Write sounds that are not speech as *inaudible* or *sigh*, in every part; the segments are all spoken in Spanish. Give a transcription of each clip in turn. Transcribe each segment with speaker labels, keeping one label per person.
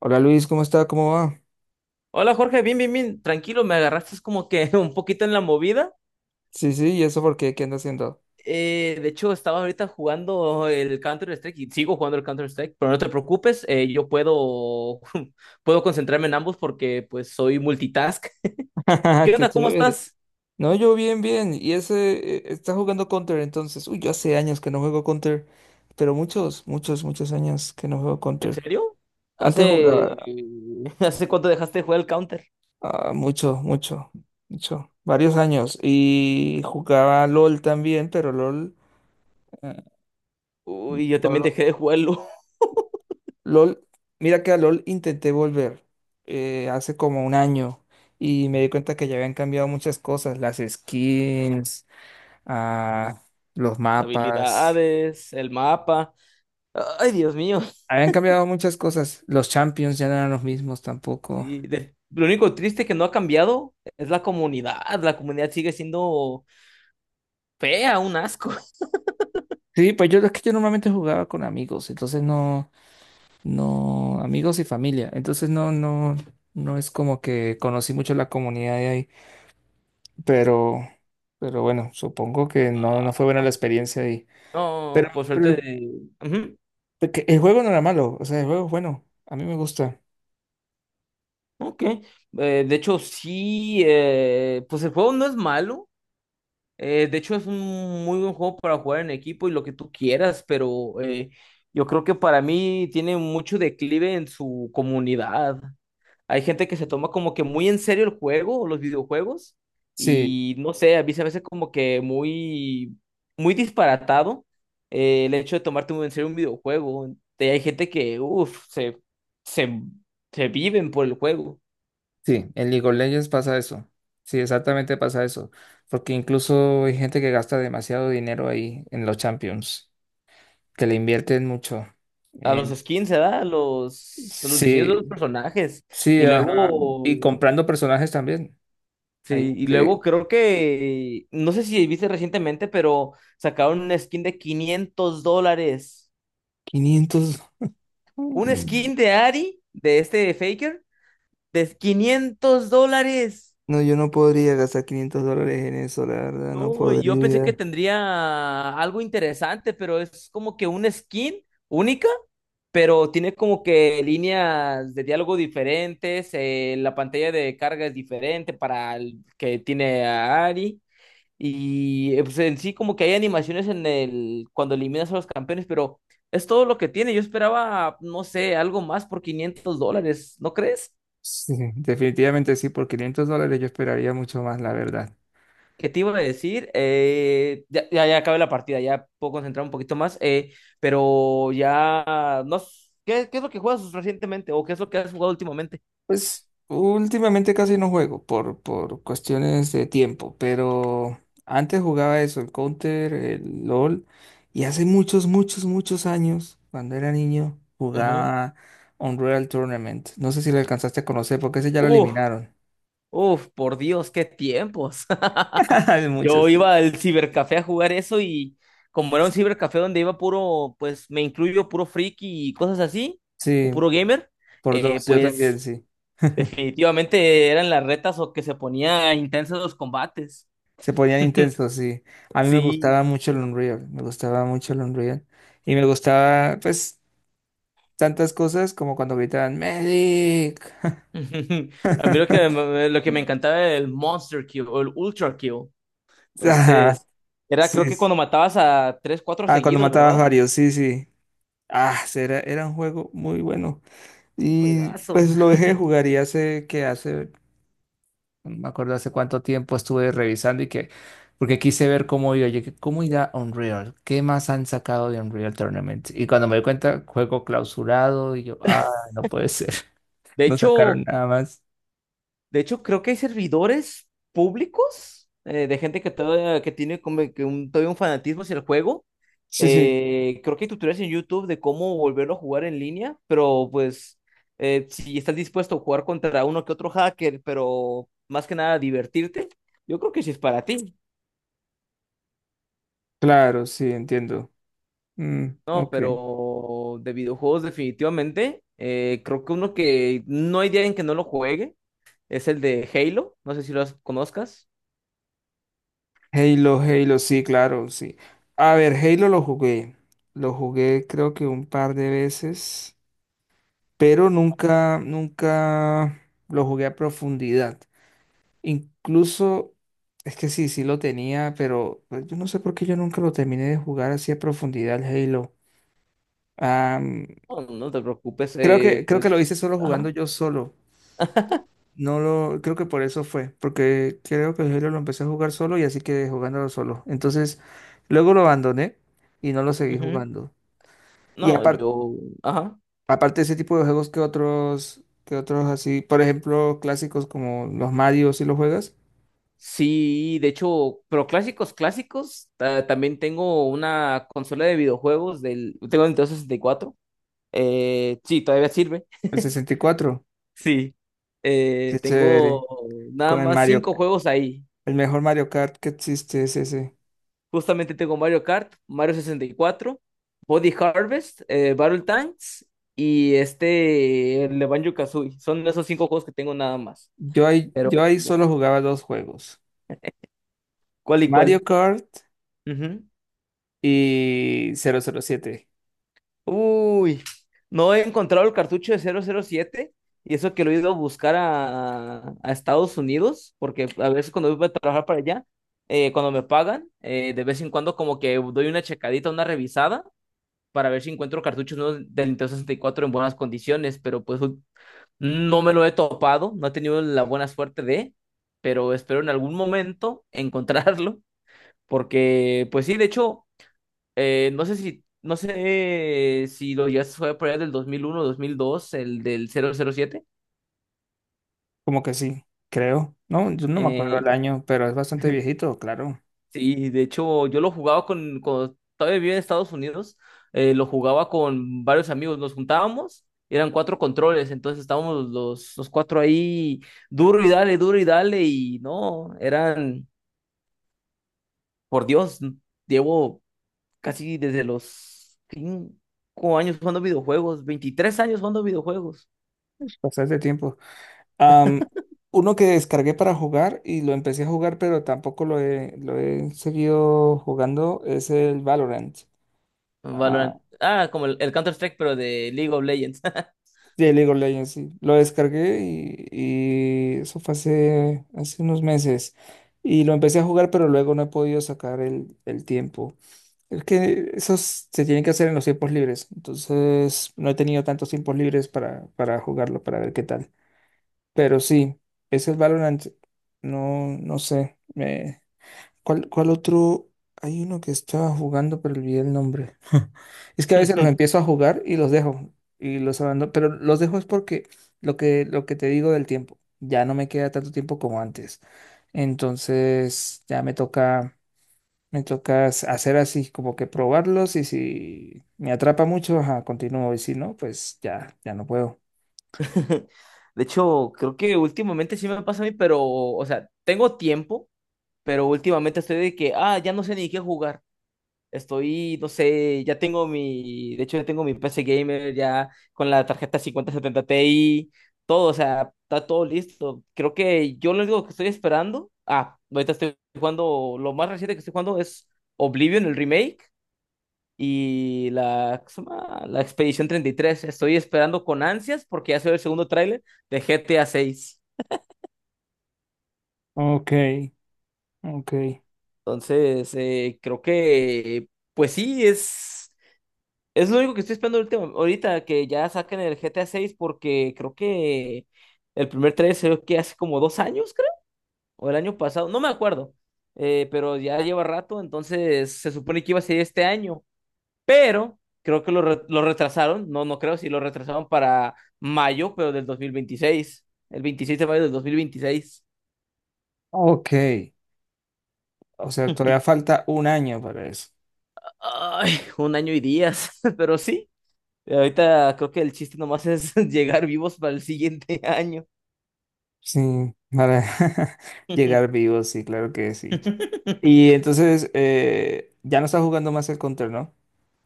Speaker 1: Hola Luis, ¿cómo está? ¿Cómo va?
Speaker 2: Hola Jorge, bien, bien, bien, tranquilo, me agarraste es como que *laughs* un poquito en la movida.
Speaker 1: Sí, sí, ¿y eso por qué? ¿Qué anda haciendo?
Speaker 2: Estaba ahorita jugando el Counter-Strike y sigo jugando el Counter-Strike, pero no te preocupes, yo puedo, *laughs* puedo concentrarme en ambos porque pues soy multitask.
Speaker 1: *laughs*
Speaker 2: ¿Qué
Speaker 1: Qué
Speaker 2: onda? ¿Cómo
Speaker 1: chévere.
Speaker 2: estás?
Speaker 1: No, yo bien, bien. Y ese, está jugando Counter entonces. Uy, yo hace años que no juego Counter, pero muchos, muchos, muchos años que no juego
Speaker 2: ¿En
Speaker 1: Counter.
Speaker 2: serio?
Speaker 1: Antes
Speaker 2: ¿Hace,
Speaker 1: jugaba
Speaker 2: *laughs* ¿hace cuánto dejaste de jugar el Counter?
Speaker 1: mucho, mucho, mucho, varios años. Y jugaba LOL también, eh,
Speaker 2: Uy, yo también
Speaker 1: LOL
Speaker 2: dejé de jugarlo. *laughs*
Speaker 1: LOL, mira que a LOL intenté volver hace como un año y me di cuenta que ya habían cambiado muchas cosas, las skins, ah, los
Speaker 2: Las
Speaker 1: mapas,
Speaker 2: habilidades, el mapa. Ay, Dios mío.
Speaker 1: habían cambiado muchas cosas, los champions ya no eran los mismos tampoco.
Speaker 2: Sí, lo único triste que no ha cambiado es la comunidad. La comunidad sigue siendo fea, un asco. *laughs*
Speaker 1: Sí, pues yo es que yo normalmente jugaba con amigos, entonces no, no, amigos y familia, entonces no, no, no es como que conocí mucho la comunidad de ahí, pero, bueno, supongo que no, no fue buena la experiencia ahí.
Speaker 2: No, por
Speaker 1: Pero
Speaker 2: suerte.
Speaker 1: el
Speaker 2: Ujú,
Speaker 1: Porque el juego no era malo, o sea, el juego es bueno, a mí me gusta.
Speaker 2: ok. Sí, pues el juego no es malo. Es un muy buen juego para jugar en equipo y lo que tú quieras, pero yo creo que para mí tiene mucho declive en su comunidad. Hay gente que se toma como que muy en serio el juego o los videojuegos
Speaker 1: Sí,
Speaker 2: y no sé, a mí se me hace como que muy disparatado el hecho de tomarte muy en serio un videojuego. Hay gente que, uff, se, se viven por el juego.
Speaker 1: sí, en League of Legends pasa eso. Sí, exactamente pasa eso. Porque incluso hay gente que gasta demasiado dinero ahí en los Champions, que le invierten mucho.
Speaker 2: A los
Speaker 1: Eh,
Speaker 2: skins, ¿verdad? A los diseños
Speaker 1: sí,
Speaker 2: de los personajes.
Speaker 1: sí,
Speaker 2: Y
Speaker 1: ajá.
Speaker 2: luego,
Speaker 1: Y comprando personajes también. Hay
Speaker 2: sí, y luego
Speaker 1: gente,
Speaker 2: creo que, no sé si viste recientemente, pero sacaron una skin de $500.
Speaker 1: quinientos.
Speaker 2: Un
Speaker 1: Mm.
Speaker 2: skin de Ari, de este de Faker, de $500.
Speaker 1: No, yo no podría gastar $500 en eso, la verdad, no
Speaker 2: No, yo pensé que
Speaker 1: podría.
Speaker 2: tendría algo interesante, pero es como que un skin única, pero tiene como que líneas de diálogo diferentes, la pantalla de carga es diferente para el que tiene a Ari. Y pues en sí como que hay animaciones en el cuando eliminas a los campeones, pero es todo lo que tiene. Yo esperaba, no sé, algo más por $500, ¿no crees?
Speaker 1: Sí, definitivamente sí, por $500 yo esperaría mucho más, la verdad.
Speaker 2: ¿Qué te iba a decir? Eh, ya acabé la partida, ya puedo concentrar un poquito más, pero ya no s- ¿qué, qué es lo que juegas recientemente o qué es lo que has jugado últimamente?
Speaker 1: Pues últimamente casi no juego por cuestiones de tiempo, pero antes jugaba eso, el Counter, el LOL, y hace muchos, muchos, muchos años, cuando era niño,
Speaker 2: Ujú.
Speaker 1: jugaba Unreal Tournament. No sé si lo alcanzaste a conocer, porque ese ya lo
Speaker 2: Uf,
Speaker 1: eliminaron.
Speaker 2: uf, por Dios, qué tiempos.
Speaker 1: *laughs*
Speaker 2: *laughs*
Speaker 1: Hace muchos,
Speaker 2: Yo
Speaker 1: sí.
Speaker 2: iba al cibercafé a jugar eso y como era un cibercafé donde iba puro, pues me incluyo puro friki y cosas así, o
Speaker 1: Sí,
Speaker 2: puro gamer,
Speaker 1: por dos, yo también,
Speaker 2: pues
Speaker 1: sí. *laughs*
Speaker 2: definitivamente eran las retas o que se ponía intensos los combates.
Speaker 1: Se ponían
Speaker 2: *laughs*
Speaker 1: intensos, sí. A mí me
Speaker 2: Sí.
Speaker 1: gustaba mucho el Unreal, me gustaba mucho el Unreal. Y me gustaba, pues, tantas cosas como cuando gritaban Medic.
Speaker 2: *laughs* A mí lo que,
Speaker 1: *laughs*
Speaker 2: lo que me encantaba era el Monster Kill o el Ultra Kill.
Speaker 1: Ajá,
Speaker 2: Entonces, era
Speaker 1: sí.
Speaker 2: creo que
Speaker 1: Sí.
Speaker 2: cuando matabas a tres, cuatro
Speaker 1: Ah, cuando
Speaker 2: seguidos,
Speaker 1: matabas
Speaker 2: ¿verdad?
Speaker 1: varios, sí, sí. Ah, sí, era un juego muy bueno.
Speaker 2: Un
Speaker 1: Y
Speaker 2: juegazo.
Speaker 1: pues lo dejé de jugar y hace que hace, no me acuerdo hace cuánto tiempo estuve revisando y que, porque quise ver cómo iba, yo, que, cómo irá Unreal, qué más han sacado de Unreal Tournament. Y cuando me di cuenta, juego clausurado y yo, ah, no puede ser, *laughs*
Speaker 2: De
Speaker 1: no sacaron
Speaker 2: hecho,
Speaker 1: nada más.
Speaker 2: de hecho, creo que hay servidores públicos de gente que todavía que tiene como que un, todavía un fanatismo hacia el juego.
Speaker 1: Sí, sí,
Speaker 2: Creo que hay tutoriales en YouTube de cómo volverlo a jugar en línea, pero pues si estás dispuesto a jugar contra uno que otro hacker, pero más que nada divertirte, yo creo que sí es para ti.
Speaker 1: claro, sí, entiendo. Mm,
Speaker 2: No,
Speaker 1: ok.
Speaker 2: pero de videojuegos definitivamente, creo que uno que no hay día en que no lo juegue es el de Halo, no sé si conozcas.
Speaker 1: Halo, Halo, sí, claro, sí. A ver, Halo lo jugué. Lo jugué creo que un par de veces, pero nunca, nunca lo jugué a profundidad. Incluso, es que sí, sí lo tenía, pero pues, yo no sé por qué yo nunca lo terminé de jugar así a profundidad el Halo. Am,
Speaker 2: No, no te preocupes,
Speaker 1: creo que lo hice
Speaker 2: pues,
Speaker 1: solo jugando
Speaker 2: ajá,
Speaker 1: yo solo. No lo, creo que por eso fue, porque creo que Halo lo empecé a jugar solo y así quedé jugándolo solo. Entonces, luego lo abandoné y no lo seguí
Speaker 2: ujú.
Speaker 1: jugando. Y
Speaker 2: No,
Speaker 1: aparte,
Speaker 2: yo, ajá.
Speaker 1: aparte de ese tipo de juegos que otros así, por ejemplo, clásicos como los Mario, si lo juegas,
Speaker 2: Sí, de hecho, pero clásicos, clásicos, también tengo una consola de videojuegos del, tengo Nintendo 64, sí, todavía sirve,
Speaker 1: el 64,
Speaker 2: *laughs* sí,
Speaker 1: qué chévere,
Speaker 2: tengo nada
Speaker 1: con el
Speaker 2: más
Speaker 1: Mario,
Speaker 2: 5 juegos ahí.
Speaker 1: el mejor Mario Kart que existe es ese.
Speaker 2: Justamente tengo Mario Kart, Mario 64, Body Harvest, Battle Tanks y este, el de Banjo-Kazooie. Son esos 5 juegos que tengo nada más.
Speaker 1: Yo ahí,
Speaker 2: Pero,
Speaker 1: yo ahí solo jugaba dos juegos,
Speaker 2: ¿cuál y
Speaker 1: Mario
Speaker 2: cuál?
Speaker 1: Kart
Speaker 2: Ujú.
Speaker 1: y 007.
Speaker 2: Uy, no he encontrado el cartucho de 007 y eso que lo he ido a buscar a Estados Unidos, porque a veces cuando voy a trabajar para allá, cuando me pagan, de vez en cuando como que doy una checadita, una revisada para ver si encuentro cartuchos nuevos del Nintendo 64 en buenas condiciones, pero pues no me lo he topado, no he tenido la buena suerte de, pero espero en algún momento *laughs* encontrarlo, porque pues sí, de hecho, no sé si, no sé si lo llegaste a jugar por allá del 2001, 2002, el del 007,
Speaker 1: Como que sí, creo. No, yo no me acuerdo el
Speaker 2: eh,
Speaker 1: año, pero es bastante viejito, claro.
Speaker 2: Sí, de hecho, yo lo jugaba con, cuando todavía vivía en Estados Unidos, lo jugaba con varios amigos, nos juntábamos, eran cuatro controles, entonces estábamos los cuatro ahí, duro y dale, y no, eran, por Dios, llevo casi desde los 5 años jugando videojuegos, 23 años jugando videojuegos.
Speaker 1: Bastante tiempo. Am, uno que descargué para jugar y lo empecé a jugar, pero tampoco lo he seguido jugando, es el Valorant. Ah,
Speaker 2: Valorant, ah, como el Counter-Strike, pero de League of Legends.
Speaker 1: de League of Legends, sí. Lo descargué y eso fue hace, hace unos meses. Y lo empecé a jugar, pero luego no he podido sacar el tiempo. Es que esos se tienen que hacer en los tiempos libres, entonces no he tenido tantos tiempos libres para jugarlo, para ver qué tal. Pero sí, es el Valorant, no, no sé. ¿Cuál otro? Hay uno que estaba jugando, pero olvidé el nombre. *laughs* Es que a veces los
Speaker 2: *laughs*
Speaker 1: empiezo a jugar y los dejo, y los abandono, pero los dejo es porque lo que te digo del tiempo, ya no me queda tanto tiempo como antes. Entonces ya me toca. Me toca hacer así, como que probarlos y si me atrapa mucho, ajá, continúo y si no, pues ya, ya no puedo.
Speaker 2: *laughs* De hecho, creo que últimamente sí me pasa a mí, pero, o sea, tengo tiempo, pero últimamente estoy de que, ah, ya no sé ni qué jugar. Estoy, no sé, ya tengo mi, de hecho ya tengo mi PC Gamer ya con la tarjeta 5070 Ti, todo, o sea, está todo listo. Creo que yo lo único que estoy esperando, ah, ahorita estoy jugando, lo más reciente que estoy jugando es Oblivion, el remake, y la, ¿cómo se llama? La Expedición 33. Estoy esperando con ansias porque ya soy el segundo tráiler de GTA 6.
Speaker 1: Ok, ok,
Speaker 2: Entonces, creo que, pues sí, es lo único que estoy esperando ahorita, que ya saquen el GTA 6 porque creo que el primer tráiler se ve que hace como dos años, creo, o el año pasado, no me acuerdo. Pero ya lleva rato, entonces se supone que iba a ser este año. Pero creo que lo, lo retrasaron, no, no creo, si lo retrasaron para mayo, pero del 2026 el 26 de mayo del 2026.
Speaker 1: ok. O sea, todavía falta un año para eso.
Speaker 2: Ay, un año y días, *laughs* pero sí. Ahorita creo que el chiste nomás es *laughs* llegar vivos para el siguiente año.
Speaker 1: Sí, para *laughs* llegar vivo, sí, claro que sí. Y
Speaker 2: *laughs*
Speaker 1: entonces, ya no estás jugando más el Counter, ¿no?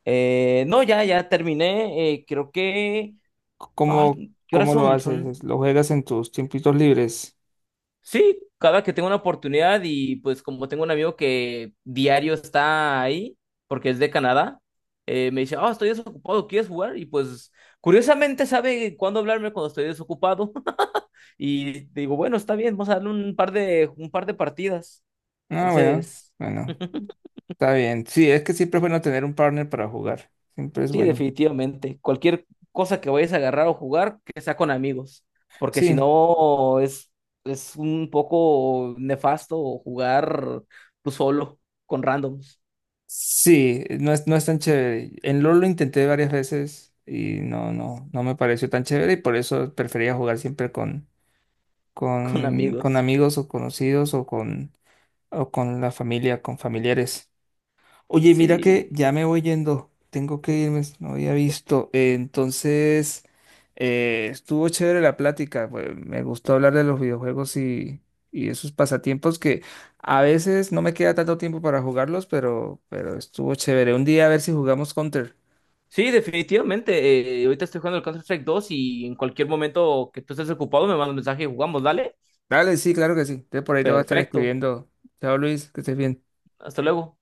Speaker 2: Eh, no, ya terminé. Creo que.
Speaker 1: C- ¿Cómo,
Speaker 2: Ay, ¿qué horas
Speaker 1: cómo lo
Speaker 2: son?
Speaker 1: haces?
Speaker 2: Son.
Speaker 1: ¿Lo juegas en tus tiempitos libres?
Speaker 2: Sí, cada que tengo una oportunidad y pues como tengo un amigo que diario está ahí, porque es de Canadá, me dice, oh, estoy desocupado, ¿quieres jugar? Y pues curiosamente sabe cuándo hablarme cuando estoy desocupado. *laughs* Y digo, bueno, está bien, vamos a darle un par de partidas.
Speaker 1: Ah, bueno,
Speaker 2: Entonces...
Speaker 1: bueno,
Speaker 2: *laughs*
Speaker 1: está bien. Sí, es que siempre es bueno tener un partner para jugar. Siempre es
Speaker 2: Sí,
Speaker 1: bueno.
Speaker 2: definitivamente. Cualquier cosa que vayas a agarrar o jugar, que sea con amigos, porque si
Speaker 1: Sí,
Speaker 2: no es, es un poco nefasto jugar tú solo, con randoms,
Speaker 1: sí, no es, no es tan chévere. En LoL lo intenté varias veces y no, no, no me pareció tan chévere y por eso prefería jugar siempre con,
Speaker 2: *laughs* con
Speaker 1: con
Speaker 2: amigos.
Speaker 1: amigos o conocidos o con la familia, con familiares. Oye, mira que
Speaker 2: Sí,
Speaker 1: ya me voy yendo, tengo que irme, no había visto. Entonces, estuvo chévere la plática, pues, me gustó hablar de los videojuegos y esos pasatiempos que a veces no me queda tanto tiempo para jugarlos, pero estuvo chévere. Un día a ver si jugamos Counter.
Speaker 2: sí, definitivamente. Ahorita estoy jugando el Counter-Strike 2 y en cualquier momento que tú estés ocupado me mandas un mensaje y jugamos, dale.
Speaker 1: Dale, sí, claro que sí. Entonces por ahí te voy a estar
Speaker 2: Perfecto.
Speaker 1: escribiendo. Chao Luis, que estés bien.
Speaker 2: Hasta luego.